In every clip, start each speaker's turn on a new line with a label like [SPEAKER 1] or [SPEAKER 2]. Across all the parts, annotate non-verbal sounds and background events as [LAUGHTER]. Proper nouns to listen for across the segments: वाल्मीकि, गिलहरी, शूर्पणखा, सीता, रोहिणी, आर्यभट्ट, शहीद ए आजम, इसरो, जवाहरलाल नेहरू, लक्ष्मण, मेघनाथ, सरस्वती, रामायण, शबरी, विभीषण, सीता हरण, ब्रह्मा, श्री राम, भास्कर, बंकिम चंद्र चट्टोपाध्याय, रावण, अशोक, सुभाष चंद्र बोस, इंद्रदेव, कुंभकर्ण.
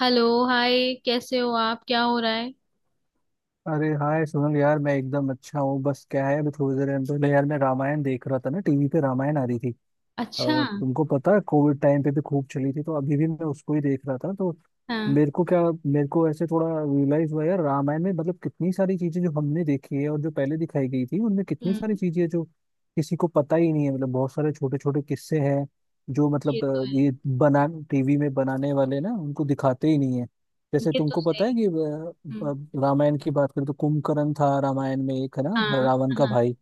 [SPEAKER 1] Hello. Hi. कैसे हो आप, क्या हो रहा है?
[SPEAKER 2] अरे हाय सुनील यार, मैं एकदम अच्छा हूँ। बस क्या है, अभी थोड़ी देर पहले यार मैं रामायण देख रहा था ना, टीवी पे रामायण आ रही थी। अ,
[SPEAKER 1] अच्छा।
[SPEAKER 2] तुमको पता है कोविड टाइम पे भी खूब चली थी, तो अभी भी मैं उसको ही देख रहा था। तो
[SPEAKER 1] हाँ।
[SPEAKER 2] मेरे को क्या मेरे को ऐसे थोड़ा रियलाइज हुआ यार, रामायण में मतलब कितनी सारी चीजें जो हमने देखी है, और जो पहले दिखाई गई थी उनमें कितनी
[SPEAKER 1] हम्म।
[SPEAKER 2] सारी चीजें हैं जो किसी को पता ही नहीं है। मतलब बहुत सारे छोटे छोटे किस्से हैं जो
[SPEAKER 1] ये
[SPEAKER 2] मतलब
[SPEAKER 1] तो है।
[SPEAKER 2] ये बना टीवी में बनाने वाले ना, उनको दिखाते ही नहीं है। जैसे
[SPEAKER 1] ये तो
[SPEAKER 2] तुमको पता है
[SPEAKER 1] सही।
[SPEAKER 2] कि
[SPEAKER 1] हम्म।
[SPEAKER 2] रामायण की बात करें तो कुंभकर्ण था रामायण में, एक है ना,
[SPEAKER 1] हाँ
[SPEAKER 2] रावण का
[SPEAKER 1] हाँ।
[SPEAKER 2] भाई।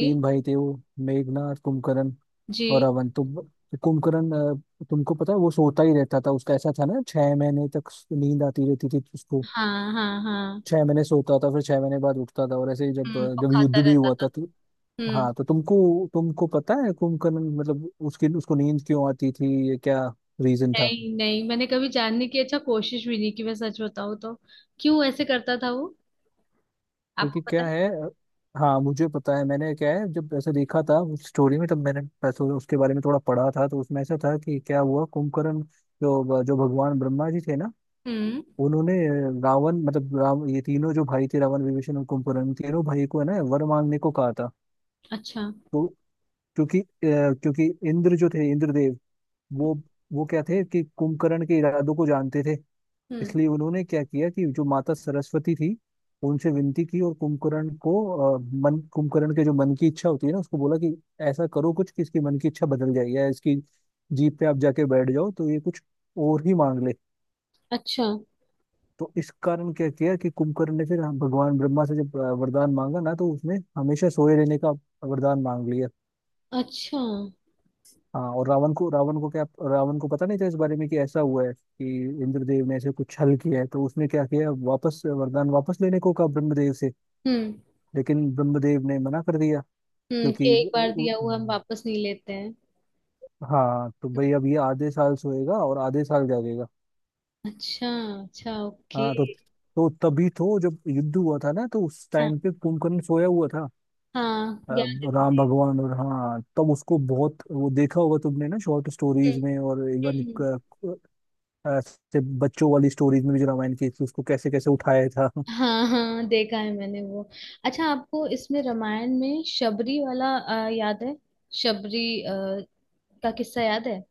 [SPEAKER 2] तीन भाई थे वो, मेघनाथ, कुंभकर्ण
[SPEAKER 1] जी।
[SPEAKER 2] और कुंभकर्ण। तुमको पता है वो सोता ही रहता था। उसका ऐसा था ना, 6 महीने तक नींद आती रहती थी उसको।
[SPEAKER 1] हाँ हाँ हाँ।
[SPEAKER 2] 6 महीने सोता था, फिर 6 महीने बाद उठता था। और ऐसे ही जब
[SPEAKER 1] हम्म, और
[SPEAKER 2] जब युद्ध
[SPEAKER 1] खाता
[SPEAKER 2] भी
[SPEAKER 1] रहता
[SPEAKER 2] हुआ
[SPEAKER 1] था।
[SPEAKER 2] था तो।
[SPEAKER 1] हम्म।
[SPEAKER 2] हाँ, तो तुमको तुमको पता है कुंभकर्ण मतलब उसकी उसको नींद क्यों आती थी, ये क्या रीजन था?
[SPEAKER 1] नहीं नहीं, मैंने कभी जानने की अच्छा कोशिश भी नहीं की, मैं सच बताऊँ तो। क्यों ऐसे करता था वो?
[SPEAKER 2] क्योंकि
[SPEAKER 1] आपको पता
[SPEAKER 2] क्या
[SPEAKER 1] है?
[SPEAKER 2] है हाँ मुझे पता है। मैंने क्या है जब ऐसे देखा था उस स्टोरी में, तब मैंने बस उसके बारे में थोड़ा पढ़ा था। तो उसमें ऐसा था कि क्या हुआ कुंभकर्ण, जो जो भगवान ब्रह्मा जी थे ना,
[SPEAKER 1] हम्म।
[SPEAKER 2] उन्होंने रावण मतलब राम, ये तीनों जो भाई थे, रावण, विभीषण और कुंभकर्ण, तीनों भाई को है ना वर मांगने को कहा था।
[SPEAKER 1] अच्छा।
[SPEAKER 2] तो क्योंकि क्योंकि इंद्र जो थे, इंद्रदेव, वो वो क्या थे कि कुंभकर्ण के इरादों को जानते थे।
[SPEAKER 1] हम्म।
[SPEAKER 2] इसलिए उन्होंने क्या किया कि जो माता सरस्वती थी, उनसे विनती की। और कुंभकर्ण को अ, मन कुंभकर्ण के जो मन की इच्छा होती है ना, उसको बोला कि ऐसा करो कुछ कि इसकी मन की इच्छा बदल जाए, या इसकी जीप पे आप जाके बैठ जाओ तो ये कुछ और ही मांग ले।
[SPEAKER 1] अच्छा।
[SPEAKER 2] तो इस कारण क्या किया कि कुंभकर्ण ने फिर भगवान ब्रह्मा से जब वरदान मांगा ना, तो उसने हमेशा सोए रहने का वरदान मांग लिया।
[SPEAKER 1] अच्छा। हम्म।
[SPEAKER 2] हाँ। और रावण को पता नहीं था इस बारे में कि ऐसा हुआ है कि इंद्रदेव ने ऐसे कुछ छल किया है। तो उसने क्या किया, वापस वरदान वापस लेने को कहा ब्रह्मदेव से, लेकिन ब्रह्मदेव ने मना कर दिया।
[SPEAKER 1] हम्म, कि
[SPEAKER 2] क्योंकि
[SPEAKER 1] एक बार
[SPEAKER 2] उ-
[SPEAKER 1] दिया हुआ हम वापस नहीं लेते हैं।
[SPEAKER 2] हाँ तो भाई अब ये आधे साल सोएगा और आधे साल जागेगा।
[SPEAKER 1] अच्छा। अच्छा। ओके।
[SPEAKER 2] हाँ तो तभी तो जब युद्ध हुआ था ना, तो उस
[SPEAKER 1] हाँ,
[SPEAKER 2] टाइम पे कुंभकर्ण सोया हुआ था।
[SPEAKER 1] हाँ
[SPEAKER 2] अ,
[SPEAKER 1] ज्ञान
[SPEAKER 2] राम
[SPEAKER 1] देवदेव।
[SPEAKER 2] भगवान और हाँ तब उसको बहुत वो देखा होगा तुमने ना, शॉर्ट स्टोरीज में और इवन
[SPEAKER 1] हम्म, हम्म।
[SPEAKER 2] ऐसे बच्चों वाली स्टोरीज में भी जो रामायण की थी, उसको कैसे कैसे उठाया था।
[SPEAKER 1] हाँ हाँ, देखा है मैंने वो। अच्छा, आपको इसमें रामायण में शबरी वाला याद है? शबरी का किस्सा याद है?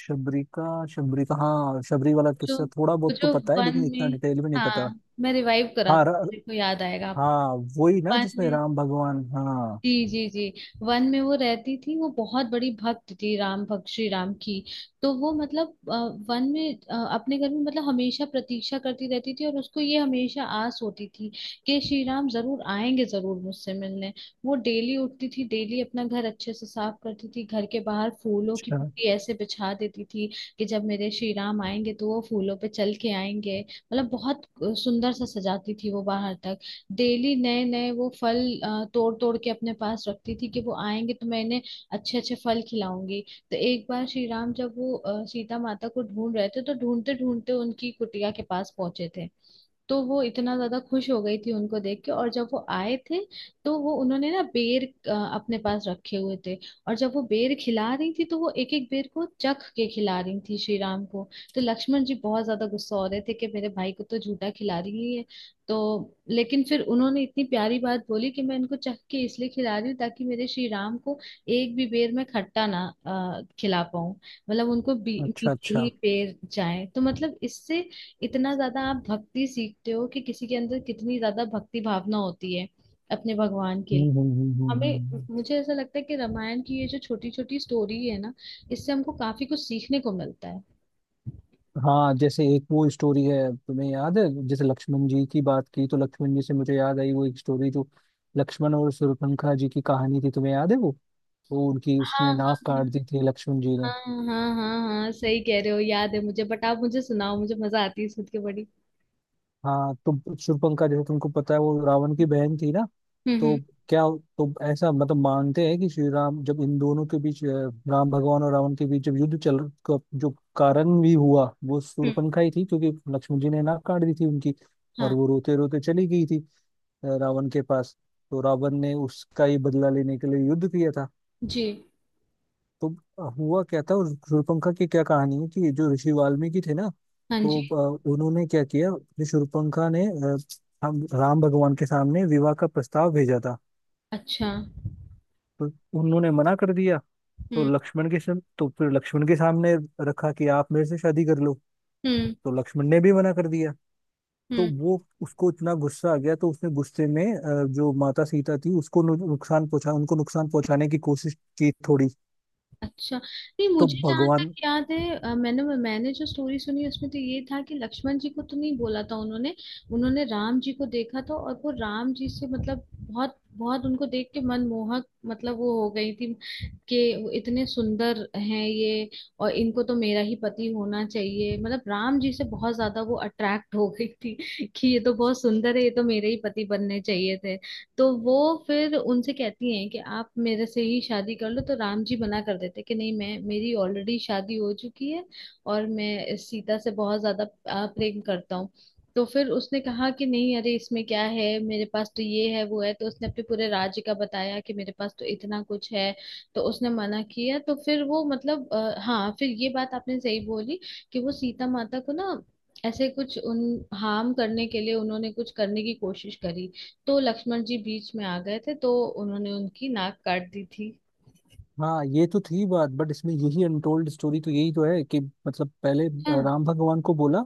[SPEAKER 2] शबरी का, शबरी का हाँ, शबरी वाला
[SPEAKER 1] जो
[SPEAKER 2] किस्सा थोड़ा बहुत तो
[SPEAKER 1] जो
[SPEAKER 2] पता है,
[SPEAKER 1] वन
[SPEAKER 2] लेकिन इतना
[SPEAKER 1] में।
[SPEAKER 2] डिटेल में नहीं पता।
[SPEAKER 1] हाँ, मैं रिवाइव करा।
[SPEAKER 2] हाँ र,
[SPEAKER 1] देखो याद आएगा आप।
[SPEAKER 2] हाँ वही ना
[SPEAKER 1] वन
[SPEAKER 2] जिसमें
[SPEAKER 1] में।
[SPEAKER 2] राम भगवान, हाँ।
[SPEAKER 1] जी जी जी। वन में वो रहती थी, वो बहुत बड़ी भक्त थी, राम भक्त श्री राम की। तो वो मतलब वन में अपने घर में मतलब हमेशा प्रतीक्षा करती रहती थी, और उसको ये हमेशा आस होती थी कि श्री राम जरूर आएंगे, जरूर मुझसे मिलने। वो डेली उठती थी, डेली अपना घर अच्छे से साफ करती थी, घर के बाहर फूलों की
[SPEAKER 2] अच्छा,
[SPEAKER 1] पूरी ऐसे बिछा देती थी कि जब मेरे श्री राम आएंगे तो वो फूलों पे चल के आएंगे। मतलब बहुत सुंदर सा सजाती थी वो बाहर तक। डेली नए नए वो फल अ, तोड़ तोड़ के अपने पास रखती थी कि वो आएंगे तो मैं इन्हें अच्छे अच्छे फल खिलाऊंगी। तो एक बार श्री राम जब वो सीता माता को ढूंढ रहे थे तो ढूंढते ढूंढते उनकी कुटिया के पास पहुंचे थे। तो वो इतना ज्यादा खुश हो गई थी उनको देख के, और जब वो आए थे तो वो उन्होंने ना बेर अपने पास रखे हुए थे। और जब वो बेर खिला रही थी तो वो एक एक बेर को चख के खिला रही थी श्री राम को। तो लक्ष्मण जी बहुत ज्यादा गुस्सा हो रहे थे कि मेरे भाई को तो झूठा खिला रही है। तो लेकिन फिर उन्होंने इतनी प्यारी बात बोली कि मैं इनको चख के इसलिए खिला रही हूँ ताकि मेरे श्री राम को एक भी बेर में खट्टा ना खिला पाऊं। मतलब उनको
[SPEAKER 2] अच्छा,
[SPEAKER 1] मीठे ही
[SPEAKER 2] अच्छा।
[SPEAKER 1] बेर जाए, तो मतलब इससे इतना ज्यादा आप भक्ति सीखते हो कि किसी के अंदर कितनी ज्यादा भक्ति भावना होती है अपने भगवान के
[SPEAKER 2] हम्म,
[SPEAKER 1] लिए।
[SPEAKER 2] हम्म, हम्म, हम्म,
[SPEAKER 1] हमें। मुझे ऐसा लगता है कि रामायण की ये जो छोटी छोटी स्टोरी है ना, इससे हमको काफी कुछ सीखने को मिलता है।
[SPEAKER 2] हाँ जैसे एक वो स्टोरी है तुम्हें याद है, जैसे लक्ष्मण जी की बात की तो लक्ष्मण जी से मुझे याद आई वो एक स्टोरी जो लक्ष्मण और शूर्पणखा जी की कहानी थी, तुम्हें याद है वो? वो उनकी
[SPEAKER 1] हाँ
[SPEAKER 2] उसने नाक काट
[SPEAKER 1] हाँ
[SPEAKER 2] दी थी लक्ष्मण जी
[SPEAKER 1] हाँ
[SPEAKER 2] ने।
[SPEAKER 1] हाँ हाँ हाँ हाँ, सही कह रहे हो, याद है मुझे, बट आप मुझे सुनाओ, मुझे मजा आती है सुन के बड़ी।
[SPEAKER 2] हाँ तो शूर्पणखा, जैसे तुमको पता है, वो रावण की
[SPEAKER 1] हम्म।
[SPEAKER 2] बहन थी ना। तो
[SPEAKER 1] हम्म।
[SPEAKER 2] क्या, तो ऐसा मतलब मानते हैं कि श्री राम जब इन दोनों के बीच राम भगवान और रावण के बीच जब युद्ध चल का जो कारण भी हुआ वो
[SPEAKER 1] हम्म,
[SPEAKER 2] शूर्पणखा ही थी, क्योंकि लक्ष्मण जी ने नाक काट दी थी उनकी। और
[SPEAKER 1] हाँ
[SPEAKER 2] वो रोते रोते चली गई थी रावण के पास। तो रावण ने उसका ही बदला लेने के लिए युद्ध किया था।
[SPEAKER 1] जी।
[SPEAKER 2] तो हुआ क्या था, और शूर्पणखा की क्या कहानी है कि जो ऋषि वाल्मीकि थे ना,
[SPEAKER 1] हाँ
[SPEAKER 2] तो
[SPEAKER 1] जी।
[SPEAKER 2] उन्होंने क्या किया कि शूर्पणखा ने अ, हम राम भगवान के सामने विवाह का प्रस्ताव भेजा था।
[SPEAKER 1] अच्छा।
[SPEAKER 2] तो उन्होंने मना कर दिया। तो
[SPEAKER 1] हम्म।
[SPEAKER 2] तो फिर लक्ष्मण के सामने रखा कि आप मेरे से शादी कर लो।
[SPEAKER 1] हम्म।
[SPEAKER 2] तो लक्ष्मण ने भी मना कर दिया। तो
[SPEAKER 1] हम्म।
[SPEAKER 2] वो उसको इतना गुस्सा आ गया, तो उसने गुस्से में जो माता सीता थी उसको नुकसान पहुंचा उनको नुकसान पहुंचाने की कोशिश की थोड़ी।
[SPEAKER 1] अच्छा नहीं,
[SPEAKER 2] तो
[SPEAKER 1] मुझे जहाँ
[SPEAKER 2] भगवान,
[SPEAKER 1] तक याद है मैंने मैंने जो स्टोरी सुनी उसमें तो ये था कि लक्ष्मण जी को तो नहीं बोला था उन्होंने। उन्होंने राम जी को देखा था और वो राम जी से मतलब बहुत बहुत उनको देख के मनमोहक मतलब वो हो गई थी कि वो इतने सुंदर हैं ये। और इनको तो मेरा ही पति होना चाहिए, मतलब राम जी से बहुत ज्यादा वो अट्रैक्ट हो गई थी कि ये तो बहुत सुंदर है, ये तो मेरे ही पति बनने चाहिए थे। तो वो फिर उनसे कहती हैं कि आप मेरे से ही शादी कर लो, तो राम जी मना कर देते कि नहीं, मैं मेरी ऑलरेडी शादी हो चुकी है और मैं इस सीता से बहुत ज्यादा प्रेम करता हूँ। तो फिर उसने कहा कि नहीं अरे इसमें क्या है, मेरे पास तो ये है वो है, तो उसने अपने पूरे राज्य का बताया कि मेरे पास तो इतना कुछ है। तो उसने मना किया तो फिर वो मतलब हाँ फिर ये बात आपने सही बोली कि वो सीता माता को ना ऐसे कुछ उन हार्म करने के लिए उन्होंने कुछ करने की कोशिश करी। तो लक्ष्मण जी बीच में आ गए थे तो उन्होंने उनकी नाक काट दी थी।
[SPEAKER 2] हाँ ये तो थी बात, बट इसमें यही अनटोल्ड स्टोरी तो यही तो है कि मतलब पहले
[SPEAKER 1] हाँ।
[SPEAKER 2] राम भगवान को बोला,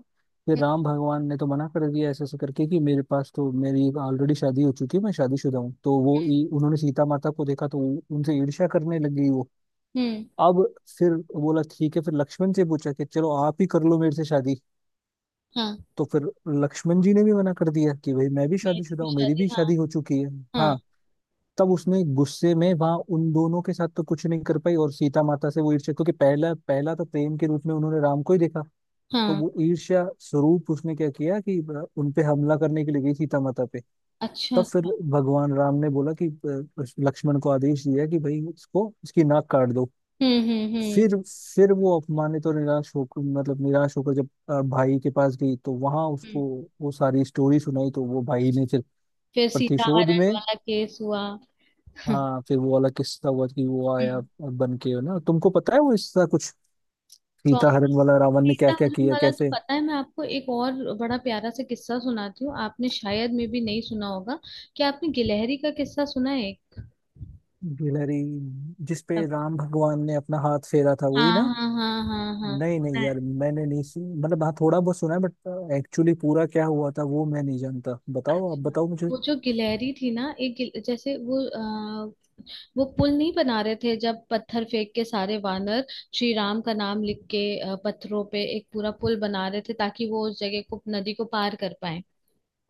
[SPEAKER 2] फिर राम भगवान ने तो मना कर दिया ऐसे ऐसे करके कि मेरे पास तो मेरी ऑलरेडी शादी हो चुकी है, मैं शादीशुदा हूँ। तो वो उन्होंने सीता माता को देखा तो उनसे ईर्ष्या करने लग गई वो।
[SPEAKER 1] हम्म।
[SPEAKER 2] अब फिर बोला, ठीक है, फिर लक्ष्मण से पूछा कि चलो आप ही कर लो मेरे से शादी।
[SPEAKER 1] हाँ,
[SPEAKER 2] तो फिर लक्ष्मण जी ने भी मना कर दिया कि भाई मैं भी
[SPEAKER 1] मेरी
[SPEAKER 2] शादीशुदा
[SPEAKER 1] भी
[SPEAKER 2] हूँ, मेरी
[SPEAKER 1] शादी।
[SPEAKER 2] भी
[SPEAKER 1] हाँ।
[SPEAKER 2] शादी हो चुकी है।
[SPEAKER 1] हाँ
[SPEAKER 2] हाँ, तब उसने गुस्से में वहां उन दोनों के साथ तो कुछ नहीं कर पाई, और सीता माता से वो ईर्ष्या, क्योंकि पहला पहला तो प्रेम के रूप में उन्होंने राम को ही देखा। तो
[SPEAKER 1] हाँ।
[SPEAKER 2] वो ईर्ष्या स्वरूप उसने क्या किया कि उन पे हमला करने के लिए गई सीता माता पे।
[SPEAKER 1] अच्छा।
[SPEAKER 2] तब फिर
[SPEAKER 1] अच्छा।
[SPEAKER 2] भगवान राम ने बोला कि लक्ष्मण को आदेश दिया कि भाई इसको इसकी नाक काट दो।
[SPEAKER 1] हम्म हम्म हम्म
[SPEAKER 2] फिर वो अपमानित और निराश होकर, मतलब निराश होकर जब भाई के पास गई तो वहां उसको
[SPEAKER 1] हम्म।
[SPEAKER 2] वो सारी स्टोरी सुनाई। तो वो भाई ने फिर
[SPEAKER 1] फिर सीता
[SPEAKER 2] प्रतिशोध
[SPEAKER 1] हरण
[SPEAKER 2] में,
[SPEAKER 1] वाला केस हुआ। हम्म।
[SPEAKER 2] हाँ फिर वो वाला किस्सा हुआ कि वो आया बन के ना, तुमको पता है वो इसका कुछ
[SPEAKER 1] कौन?
[SPEAKER 2] सीता हरण वाला, रावण ने
[SPEAKER 1] सीता
[SPEAKER 2] क्या क्या
[SPEAKER 1] हरण
[SPEAKER 2] किया,
[SPEAKER 1] वाला तो
[SPEAKER 2] कैसे।
[SPEAKER 1] पता है। मैं आपको एक और बड़ा प्यारा सा किस्सा सुनाती हूँ, आपने शायद में भी नहीं सुना होगा। क्या आपने गिलहरी का किस्सा सुना है एक?
[SPEAKER 2] गिलहरी, जिसपे राम भगवान ने अपना हाथ फेरा था, वही ना?
[SPEAKER 1] हाँ हाँ हाँ हाँ हाँ,
[SPEAKER 2] नहीं
[SPEAKER 1] सुना
[SPEAKER 2] नहीं
[SPEAKER 1] है।
[SPEAKER 2] यार, मैंने नहीं सुन, मतलब हाँ थोड़ा बहुत सुना है, बट एक्चुअली पूरा क्या हुआ था वो मैं नहीं जानता, बताओ, आप
[SPEAKER 1] अच्छा,
[SPEAKER 2] बताओ मुझे।
[SPEAKER 1] वो जो गिलहरी थी ना, जैसे वो पुल नहीं बना रहे थे जब पत्थर फेंक के सारे वानर श्री राम का नाम लिख के पत्थरों पे एक पूरा पुल बना रहे थे ताकि वो उस जगह को नदी को पार कर पाए।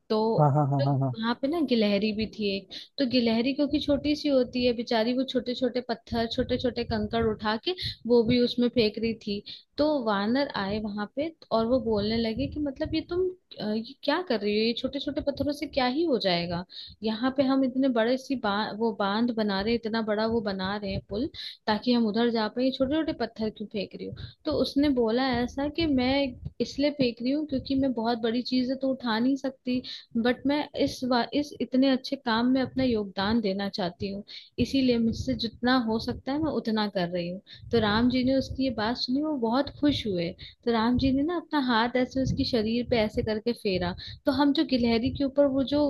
[SPEAKER 1] तो
[SPEAKER 2] हाँ हाँ हाँ हाँ हाँ।
[SPEAKER 1] वहां पे ना गिलहरी भी थी एक। तो गिलहरी क्योंकि छोटी सी होती है बेचारी, वो छोटे छोटे पत्थर छोटे छोटे कंकड़ उठा के वो भी उसमें फेंक रही थी। तो वानर आए वहां पे और वो बोलने लगे कि मतलब ये तुम ये क्या कर रही हो, ये छोटे छोटे पत्थरों से क्या ही हो जाएगा। यहाँ पे हम इतने बड़े वो बांध बना रहे हैं, इतना बड़ा वो बना रहे हैं पुल, ताकि हम उधर जा पाए, छोटे छोटे पत्थर क्यों फेंक रही हो? तो उसने बोला ऐसा कि मैं इसलिए फेंक रही हूँ क्योंकि मैं बहुत बड़ी चीज है तो उठा नहीं सकती। बट मैं इस इतने अच्छे काम में अपना योगदान देना चाहती हूँ, इसीलिए मुझसे जितना हो सकता है मैं उतना कर रही हूँ। तो राम जी ने उसकी ये बात सुनी, वो बहुत खुश हुए। तो राम जी ने ना अपना हाथ ऐसे उसके शरीर पे ऐसे करके फेरा। तो हम जो गिलहरी के ऊपर वो जो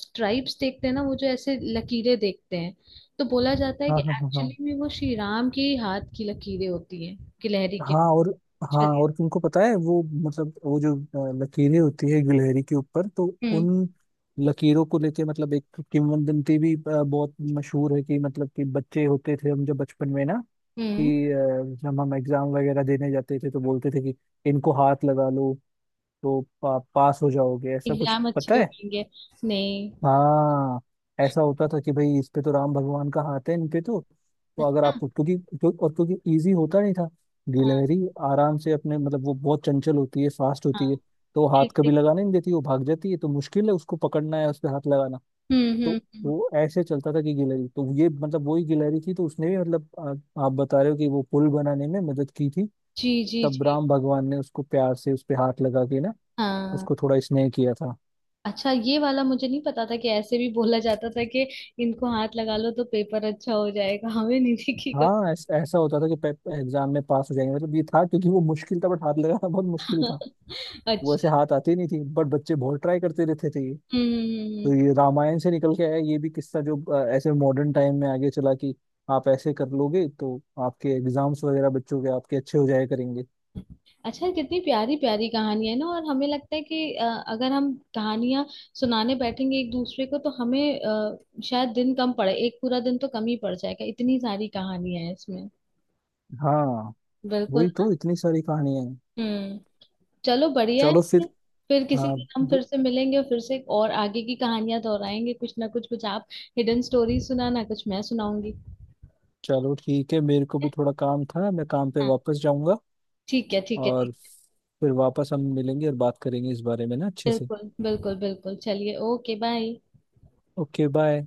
[SPEAKER 1] स्ट्राइप्स देखते हैं ना, वो जो ऐसे लकीरें देखते हैं, तो बोला जाता है कि
[SPEAKER 2] हाँ हाँ हाँ हाँ
[SPEAKER 1] एक्चुअली में वो श्री राम के ही हाथ की लकीरें होती हैं गिलहरी के
[SPEAKER 2] हाँ। और हाँ,
[SPEAKER 1] शरीर।
[SPEAKER 2] और तुमको पता है वो मतलब वो जो लकीरें होती है गिलहरी के ऊपर, तो
[SPEAKER 1] हम्म।
[SPEAKER 2] उन लकीरों को लेके मतलब एक किंवदंती भी बहुत मशहूर है कि मतलब कि बच्चे होते थे हम जब बचपन में ना,
[SPEAKER 1] हम्म।
[SPEAKER 2] कि जब हम एग्जाम वगैरह देने जाते थे तो बोलते थे कि इनको हाथ लगा लो तो पास हो जाओगे, ऐसा कुछ
[SPEAKER 1] एग्जाम
[SPEAKER 2] पता
[SPEAKER 1] अच्छे
[SPEAKER 2] है?
[SPEAKER 1] होंगे। नहीं।
[SPEAKER 2] हाँ, ऐसा होता था कि भाई इस पे तो राम भगवान का हाथ है, इन पे तो अगर
[SPEAKER 1] अच्छा।
[SPEAKER 2] आपको क्योंकि क्यों, और क्योंकि इजी होता नहीं था
[SPEAKER 1] हाँ
[SPEAKER 2] गिलहरी, आराम से अपने मतलब वो बहुत चंचल होती है, फास्ट
[SPEAKER 1] हाँ।
[SPEAKER 2] होती है। तो वो हाथ
[SPEAKER 1] ठीक
[SPEAKER 2] कभी
[SPEAKER 1] ठीक।
[SPEAKER 2] लगाने नहीं देती, वो भाग जाती है, तो मुश्किल है उसको पकड़ना है, उस पे हाथ लगाना।
[SPEAKER 1] हम्म हम्म
[SPEAKER 2] तो
[SPEAKER 1] हम्म।
[SPEAKER 2] वो ऐसे चलता था कि गिलहरी तो ये मतलब वही गिलहरी थी, तो उसने भी मतलब, आप बता रहे हो कि वो पुल बनाने में मदद की थी,
[SPEAKER 1] जी जी
[SPEAKER 2] तब
[SPEAKER 1] जी।
[SPEAKER 2] राम भगवान ने उसको प्यार से उस पे हाथ लगा के ना,
[SPEAKER 1] हाँ।
[SPEAKER 2] उसको थोड़ा स्नेह किया था।
[SPEAKER 1] अच्छा, ये वाला मुझे नहीं पता था कि ऐसे भी बोला जाता था कि इनको हाथ लगा लो तो पेपर अच्छा हो जाएगा, हमें नहीं दिखेगा।
[SPEAKER 2] हाँ, ऐसा होता था कि एग्जाम में पास हो जाएंगे, मतलब ये था, क्योंकि वो मुश्किल था, बट हाथ लगाना बहुत मुश्किल था।
[SPEAKER 1] [LAUGHS]
[SPEAKER 2] वो ऐसे
[SPEAKER 1] अच्छा।
[SPEAKER 2] हाथ आते ही नहीं थी, बट बच्चे बहुत ट्राई करते रहते थे ये। तो ये
[SPEAKER 1] हम्म।
[SPEAKER 2] रामायण से निकल के आया ये भी किस्सा जो ऐसे मॉडर्न टाइम में आगे चला कि आप ऐसे कर लोगे तो आपके एग्जाम्स वगैरह बच्चों के आपके अच्छे हो जाया करेंगे।
[SPEAKER 1] अच्छा, कितनी प्यारी प्यारी कहानी है ना। और हमें लगता है कि अगर हम कहानियां सुनाने बैठेंगे एक दूसरे को तो हमें शायद दिन कम पड़े, एक पूरा दिन तो कम ही पड़ जाएगा, इतनी सारी कहानियां है इसमें।
[SPEAKER 2] हाँ,
[SPEAKER 1] बिल्कुल
[SPEAKER 2] वही तो,
[SPEAKER 1] ना।
[SPEAKER 2] इतनी सारी कहानियां हैं।
[SPEAKER 1] हम्म। चलो बढ़िया है।
[SPEAKER 2] चलो
[SPEAKER 1] फिर।
[SPEAKER 2] फिर,
[SPEAKER 1] फिर किसी
[SPEAKER 2] हाँ,
[SPEAKER 1] दिन हम फिर
[SPEAKER 2] ब-
[SPEAKER 1] से मिलेंगे और फिर से और आगे की कहानियां दोहराएंगे, कुछ ना कुछ कुछ आप हिडन स्टोरी सुनाना, कुछ मैं सुनाऊंगी। ठीक
[SPEAKER 2] चलो ठीक है, मेरे को
[SPEAKER 1] है।
[SPEAKER 2] भी थोड़ा काम था, मैं काम पे
[SPEAKER 1] हाँ।
[SPEAKER 2] वापस जाऊंगा।
[SPEAKER 1] ठीक है ठीक है
[SPEAKER 2] और
[SPEAKER 1] ठीक।
[SPEAKER 2] फिर वापस हम मिलेंगे और बात करेंगे इस बारे में ना अच्छे से।
[SPEAKER 1] बिल्कुल बिल्कुल बिल्कुल, चलिए ओके बाय।
[SPEAKER 2] Okay, bye.